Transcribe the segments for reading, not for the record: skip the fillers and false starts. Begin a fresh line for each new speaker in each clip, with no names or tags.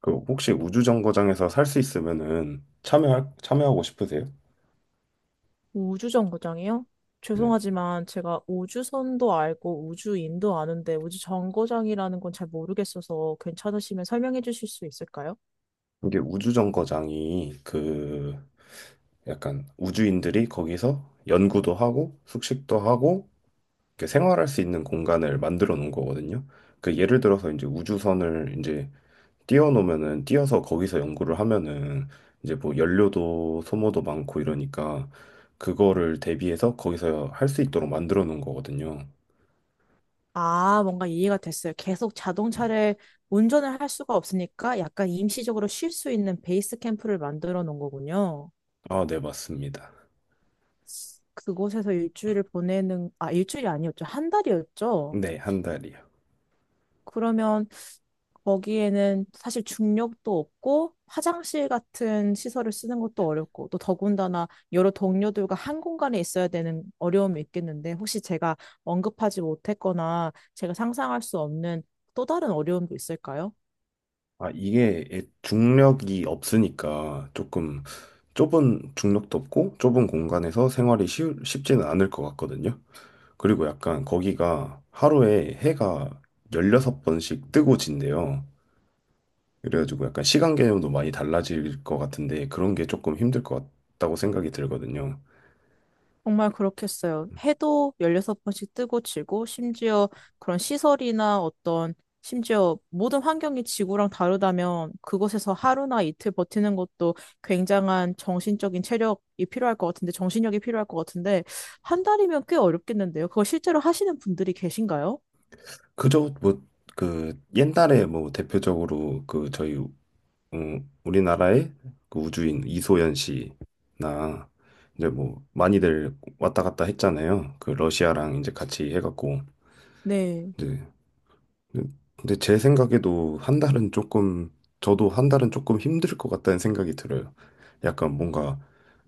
그 혹시 우주정거장에서 살 수 있으면은 참여할 참여하고 싶으세요?
우주정거장이요?
네.
죄송하지만 제가 우주선도 알고 우주인도 아는데 우주정거장이라는 건 잘 모르겠어서 괜찮으시면 설명해 주실 수 있을까요?
이게 우주정거장이 그 약간 우주인들이 거기서 연구도 하고 숙식도 하고 이렇게 생활할 수 있는 공간을 만들어 놓은 거거든요. 그 예를 들어서 이제 우주선을 이제 띄워놓으면은 띄어서 거기서 연구를 하면은 이제 뭐 연료도 소모도 많고 이러니까 그거를 대비해서 거기서 할 수 있도록 만들어 놓은 거거든요.
아, 뭔가 이해가 됐어요. 계속
음.
자동차를 운전을 할 수가 없으니까 약간 임시적으로 쉴 수 있는 베이스 캠프를 만들어 놓은 거군요.
아, 네, 맞습니다.
그곳에서 일주일을 보내는, 아, 일주일이 아니었죠. 한 달이었죠.
네, 한 달이요.
그러면 거기에는 사실 중력도 없고 화장실 같은 시설을 쓰는 것도 어렵고 또 더군다나 여러 동료들과 한 공간에 있어야 되는 어려움이 있겠는데 혹시 제가 언급하지 못했거나 제가 상상할 수 없는 또 다른 어려움도 있을까요?
아, 이게 중력이 없으니까 조금 좁은 중력도 없고 좁은 공간에서 생활이 쉽지는 않을 것 같거든요. 그리고 약간 거기가 하루에 해가 16번씩 뜨고 진대요. 그래가지고 약간 시간 개념도 많이 달라질 것 같은데 그런 게 조금 힘들 것 같다고 생각이 들거든요.
정말 그렇겠어요. 해도 16번씩 뜨고 지고, 심지어 그런 시설이나 어떤, 심지어 모든 환경이 지구랑 다르다면 그곳에서 하루나 이틀 버티는 것도 굉장한 정신적인 체력이 필요할 것 같은데, 정신력이 필요할 것 같은데, 한 달이면 꽤 어렵겠는데요. 그거 실제로 하시는 분들이 계신가요?
그저 뭐 그 옛날에 뭐 대표적으로 그 저희 어, 우리나라의 그 우주인 이소연 씨나 이제 뭐 많이들 왔다 갔다 했잖아요. 그 러시아랑 이제 같이 해갖고
네.
이제 근데 제 생각에도 한 달은 조금 저도 한 달은 조금 힘들 것 같다는 생각이 들어요. 약간 뭔가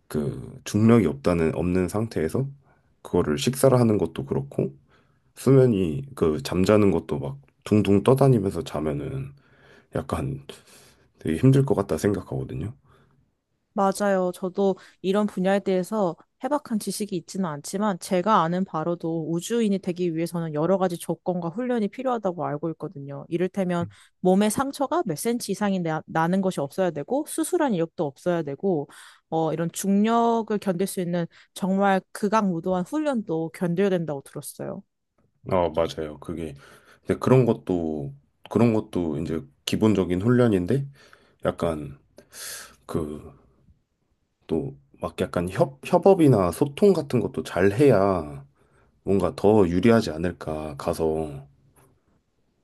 그 중력이 없다는 없는 상태에서 그거를 식사를 하는 것도 그렇고 수면이 그 잠자는 것도 막 둥둥 떠다니면서 자면은 약간 되게 힘들 것 같다 생각하거든요.
맞아요. 저도 이런 분야에 대해서 해박한 지식이 있지는 않지만 제가 아는 바로도 우주인이 되기 위해서는 여러 가지 조건과 훈련이 필요하다고 알고 있거든요. 이를테면 몸에 상처가 몇 센치 이상이 나는 것이 없어야 되고 수술한 이력도 없어야 되고 이런 중력을 견딜 수 있는 정말 극악무도한 훈련도 견뎌야 된다고 들었어요.
어, 맞아요. 그게 근데 그런 것도 이제 기본적인 훈련인데 약간 그 또 막 약간 협 협업이나 소통 같은 것도 잘 해야 뭔가 더 유리하지 않을까 가서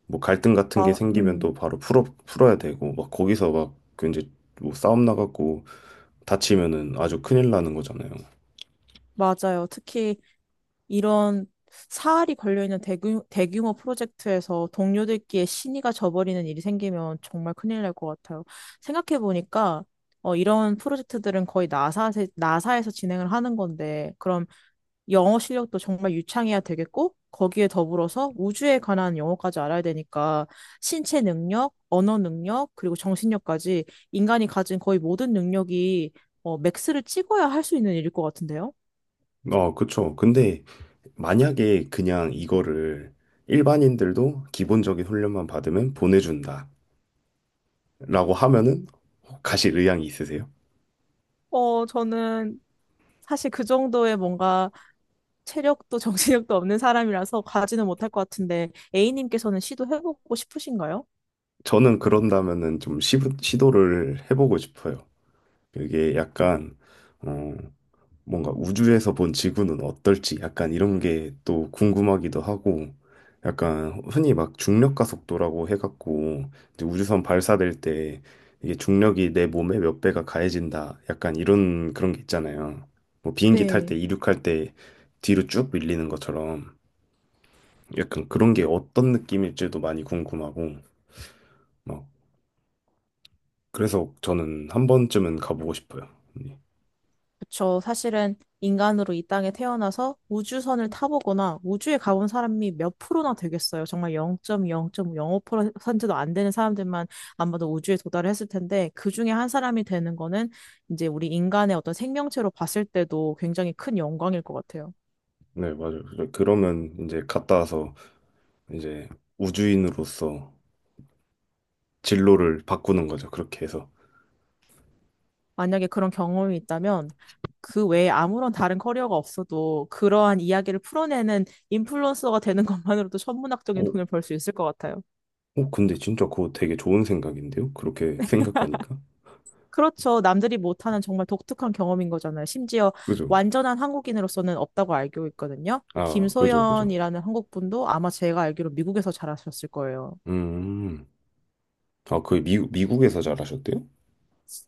뭐 갈등 같은 게
아,
생기면 또 바로 풀어야 되고 막 거기서 막그 이제 뭐 싸움 나갖고 다치면은 아주 큰일 나는 거잖아요.
맞아요. 특히 이런 사활이 걸려있는 대규모 프로젝트에서 동료들끼리 신의가 져버리는 일이 생기면 정말 큰일 날 것 같아요. 생각해보니까 이런 프로젝트들은 거의 나사에서 진행을 하는 건데, 그럼 영어 실력도 정말 유창해야 되겠고, 거기에 더불어서 우주에 관한 영어까지 알아야 되니까, 신체 능력, 언어 능력, 그리고 정신력까지 인간이 가진 거의 모든 능력이 맥스를 찍어야 할 수 있는 일일 것 같은데요?
어, 그쵸. 근데 만약에 그냥 이거를 일반인들도 기본적인 훈련만 받으면 보내준다. 라고 하면은 가실 의향이 있으세요?
저는 사실 그 정도의 뭔가 체력도 정신력도 없는 사람이라서 가지는 못할 것 같은데 A님께서는 시도해보고 싶으신가요?
저는 그런다면은 좀 시도를 해보고 싶어요. 이게 약간 어, 뭔가 우주에서 본 지구는 어떨지 약간 이런 게 또 궁금하기도 하고 약간 흔히 막 중력 가속도라고 해갖고 이제 우주선 발사될 때 이게 중력이 내 몸에 몇 배가 가해진다 약간 이런 그런 게 있잖아요. 뭐 비행기 탈
네,
때 이륙할 때 뒤로 쭉 밀리는 것처럼 약간 그런 게 어떤 느낌일지도 많이 궁금하고, 막, 그래서 저는 한 번쯤은 가보고 싶어요. 네,
그쵸. 사실은 인간으로 이 땅에 태어나서 우주선을 타보거나 우주에 가본 사람이 몇 프로나 되겠어요. 정말 0.0.05%도 안 되는 사람들만 아마도 우주에 도달을 했을 텐데 그 중에 한 사람이 되는 거는 이제 우리 인간의 어떤 생명체로 봤을 때도 굉장히 큰 영광일 것 같아요.
네, 맞아요. 그러면 이제 갔다 와서 이제 우주인으로서 진로를 바꾸는 거죠. 그렇게 해서.
만약에 그런 경험이 있다면 그 외에 아무런 다른 커리어가 없어도 그러한 이야기를 풀어내는 인플루언서가 되는 것만으로도 천문학적인
어,
돈을 벌 수 있을 것 같아요.
어, 근데 진짜 그거 되게 좋은 생각인데요? 그렇게 생각하니까.
그렇죠. 남들이 못하는 정말 독특한 경험인 거잖아요. 심지어
그죠?
완전한 한국인으로서는 없다고 알고 있거든요.
아, 그죠, 그죠.
김소연이라는 한국분도 아마 제가 알기로 미국에서 잘하셨을 거예요.
음, 아, 그 미국에서 잘하셨대요?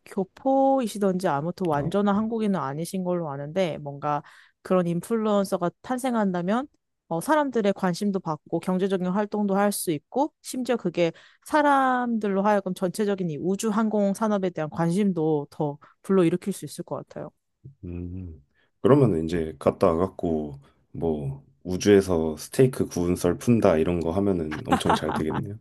교포이시던지 아무튼
아,
완전한 한국인은 아니신 걸로 아는데 뭔가 그런 인플루언서가 탄생한다면 사람들의 관심도 받고 경제적인 활동도 할 수 있고 심지어 그게 사람들로 하여금 전체적인 이 우주 항공 산업에 대한 관심도 더 불러일으킬 수 있을 것 같아요.
음. 그러면 이제 갔다 와갖고 뭐 우주에서 스테이크 구운 썰 푼다 이런 거 하면은 엄청 잘 되겠네요.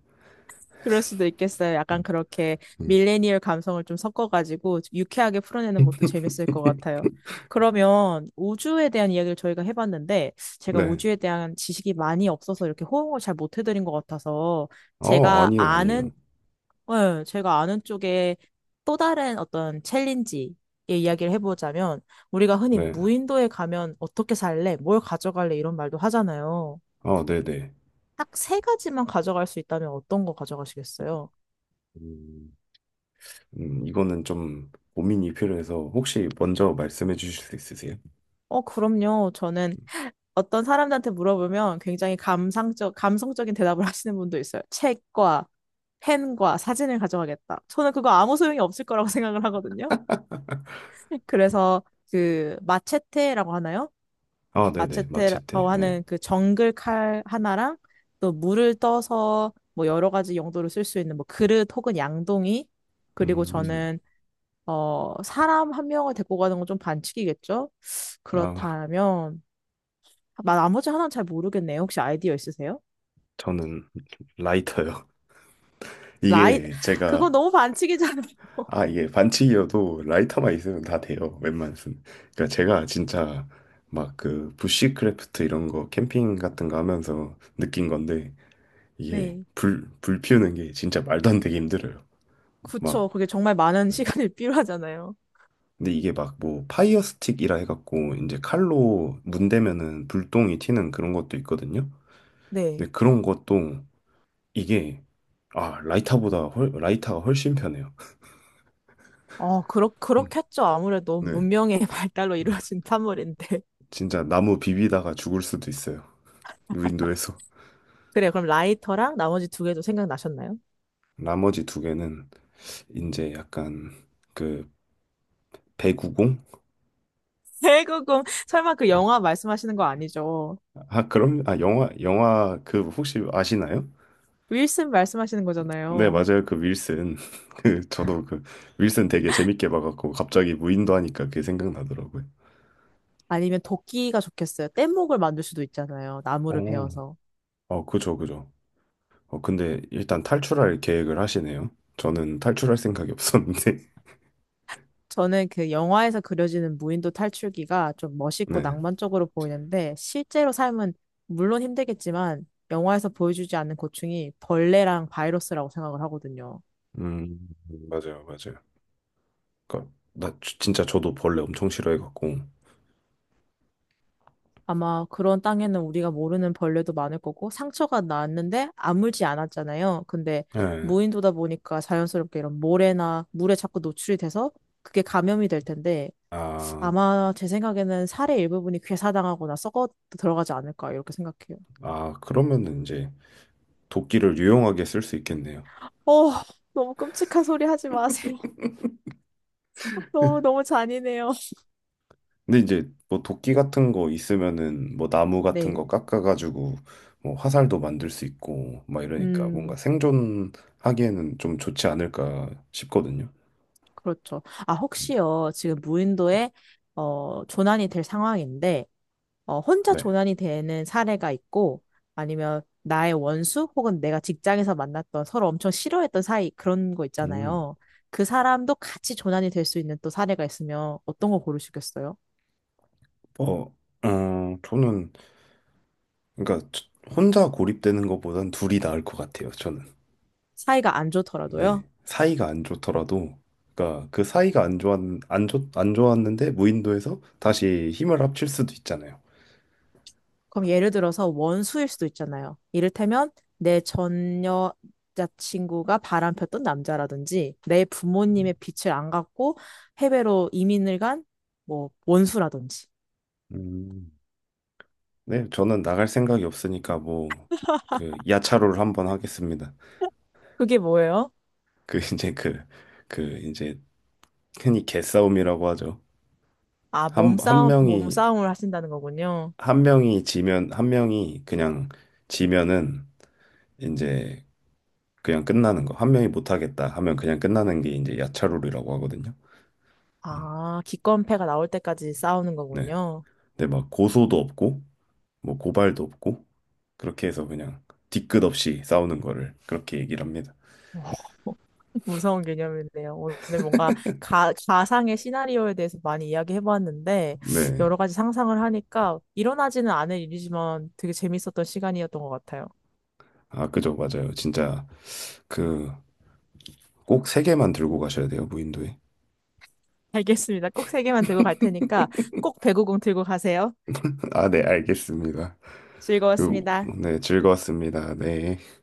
그럴 수도 있겠어요. 약간 그렇게
음.
밀레니얼 감성을 좀 섞어가지고 유쾌하게 풀어내는 것도 재밌을 것 같아요. 그러면 우주에 대한 이야기를 저희가 해봤는데 제가
네.
우주에 대한 지식이 많이 없어서 이렇게 호응을 잘 못 해드린 것 같아서
어,
제가
아니요,
아는,
아니요.
예, 제가 아는 쪽에 또 다른 어떤 챌린지의 이야기를 해보자면 우리가 흔히
네.
무인도에 가면 어떻게 살래? 뭘 가져갈래? 이런 말도 하잖아요.
어, 네네.
딱 세 가지만 가져갈 수 있다면 어떤 거 가져가시겠어요?
음, 이거는 좀 고민이 필요해서 혹시 먼저 말씀해 주실 수 있으세요?
어, 그럼요. 저는 어떤 사람들한테 물어보면 굉장히 감성적인 대답을 하시는 분도 있어요. 책과 펜과 사진을 가져가겠다. 저는 그거 아무 소용이 없을 거라고 생각을 하거든요. 그래서 그 마체테라고 하나요?
아, 네네.
마체테라고
마체테. 네.
하는 그 정글 칼 하나랑 또 물을 떠서 뭐 여러 가지 용도로 쓸 수 있는 뭐 그릇 혹은 양동이 그리고
음, 음.
저는 어 사람 한 명을 데리고 가는 건 좀 반칙이겠죠?
아,
그렇다면 나머지 하나는 잘 모르겠네요. 혹시 아이디어 있으세요?
저는 라이터요.
라이,
이게
그거
제가
너무 반칙이잖아요.
이게 반칙이어도 라이터만 있으면 다 돼요. 웬만해서는. 그러니까 제가 진짜 막 그 부시크래프트 이런 거 캠핑 같은 거 하면서 느낀 건데 이게
네.
불 피우는 게 진짜 말도 안 되게 힘들어요. 막
그쵸. 그게 정말 많은 시간이 필요하잖아요.
근데 이게 막 뭐 파이어 스틱이라 해갖고 이제 칼로 문대면은 불똥이 튀는 그런 것도 있거든요.
네.
근데 그런 것도 이게 아, 라이터가 훨씬 편해요. 음.
그렇겠죠. 아무래도
네.
문명의 발달로
음.
이루어진 산물인데.
진짜 나무 비비다가 죽을 수도 있어요. 윈도에서.
그래, 그럼 라이터랑 나머지 두 개도 생각나셨나요?
나머지 두 개는 이제 약간 그 배구공?
결국은 설마 그 영화 말씀하시는 거 아니죠?
아, 그럼 아 영화 그 혹시 아시나요?
윌슨 말씀하시는
네,
거잖아요.
맞아요. 그 윌슨. 그 저도 그 윌슨 되게 재밌게 봐갖고 갑자기 무인도 하니까 그게 생각나더라고요.
아니면 도끼가 좋겠어요. 뗏목을 만들 수도 있잖아요. 나무를
어,
베어서.
어, 그죠, 그죠. 어, 근데 일단 탈출할 계획을 하시네요. 저는 탈출할 생각이 없었는데.
저는 그 영화에서 그려지는 무인도 탈출기가 좀 멋있고
네.
낭만적으로 보이는데 실제로 삶은 물론 힘들겠지만 영화에서 보여주지 않는 고충이 벌레랑 바이러스라고 생각을 하거든요.
음, 맞아요, 맞아요. 그니까, 진짜 저도 벌레 엄청 싫어해갖고.
아마 그런 땅에는 우리가 모르는 벌레도 많을 거고 상처가 났는데 아물지 않았잖아요. 근데
네.
무인도다 보니까 자연스럽게 이런 모래나 물에 자꾸 노출이 돼서 그게 감염이 될 텐데
아,
아마 제 생각에는 살의 일부분이 괴사당하거나 썩어 들어가지 않을까 이렇게 생각해요.
아, 그러면은 이제 도끼를 유용하게 쓸 수 있겠네요.
어, 너무 끔찍한 소리 하지 마세요. 너무 너무 잔인해요.
근데 이제 뭐 도끼 같은 거 있으면은 뭐 나무 같은
네.
거 깎아가지고 뭐 화살도 만들 수 있고 막 이러니까 뭔가
음,
생존하기에는 좀 좋지 않을까 싶거든요.
그렇죠. 아, 혹시요, 지금 무인도에, 어, 조난이 될 상황인데, 어, 혼자
네.
조난이 되는 사례가 있고, 아니면 나의 원수, 혹은 내가 직장에서 만났던 서로 엄청 싫어했던 사이, 그런 거
음.
있잖아요. 그 사람도 같이 조난이 될 수 있는 또 사례가 있으면 어떤 거 고르시겠어요?
어, 어, 저는 그러니까 혼자 고립되는 것보단 둘이 나을 것 같아요. 저는.
사이가 안
네.
좋더라도요?
사이가 안 좋더라도 그러니까 그 사이가 안 좋았는데 무인도에서 다시 힘을 합칠 수도 있잖아요.
그럼 예를 들어서 원수일 수도 있잖아요. 이를테면 내 전 여자친구가 바람폈던 남자라든지 내 부모님의 빛을 안 갖고 해외로 이민을 간 뭐 원수라든지.
음, 네, 저는 나갈 생각이 없으니까 뭐 그 야차로를 한번 하겠습니다.
그게 뭐예요?
그 이제 그 이제 흔히 개싸움이라고 하죠.
아,
한 명이
몸싸움을 하신다는 거군요.
한 명이 지면 한 명이 그냥 지면은 이제 그냥 끝나는 거. 한 명이 못 하겠다 하면 그냥 끝나는 게 이제 야차로라고 하거든요. 음,
아, 기권패가 나올 때까지 싸우는
네.
거군요.
근데 막 고소도 없고 뭐 고발도 없고 그렇게 해서 그냥 뒤끝 없이 싸우는 거를 그렇게 얘기를 합니다.
와, 무서운 개념이네요. 오늘 뭔가 가상의 시나리오에 대해서 많이 이야기해봤는데,
네.
여러 가지 상상을 하니까 일어나지는 않을 일이지만 되게 재밌었던 시간이었던 것 같아요.
아, 그죠, 맞아요. 진짜 그 꼭 세 개만 들고 가셔야 돼요, 무인도에.
알겠습니다. 꼭 세 개만 들고 갈 테니까 꼭 배구공 들고 가세요.
아, 네, 알겠습니다. 그,
즐거웠습니다.
네, 즐거웠습니다. 네.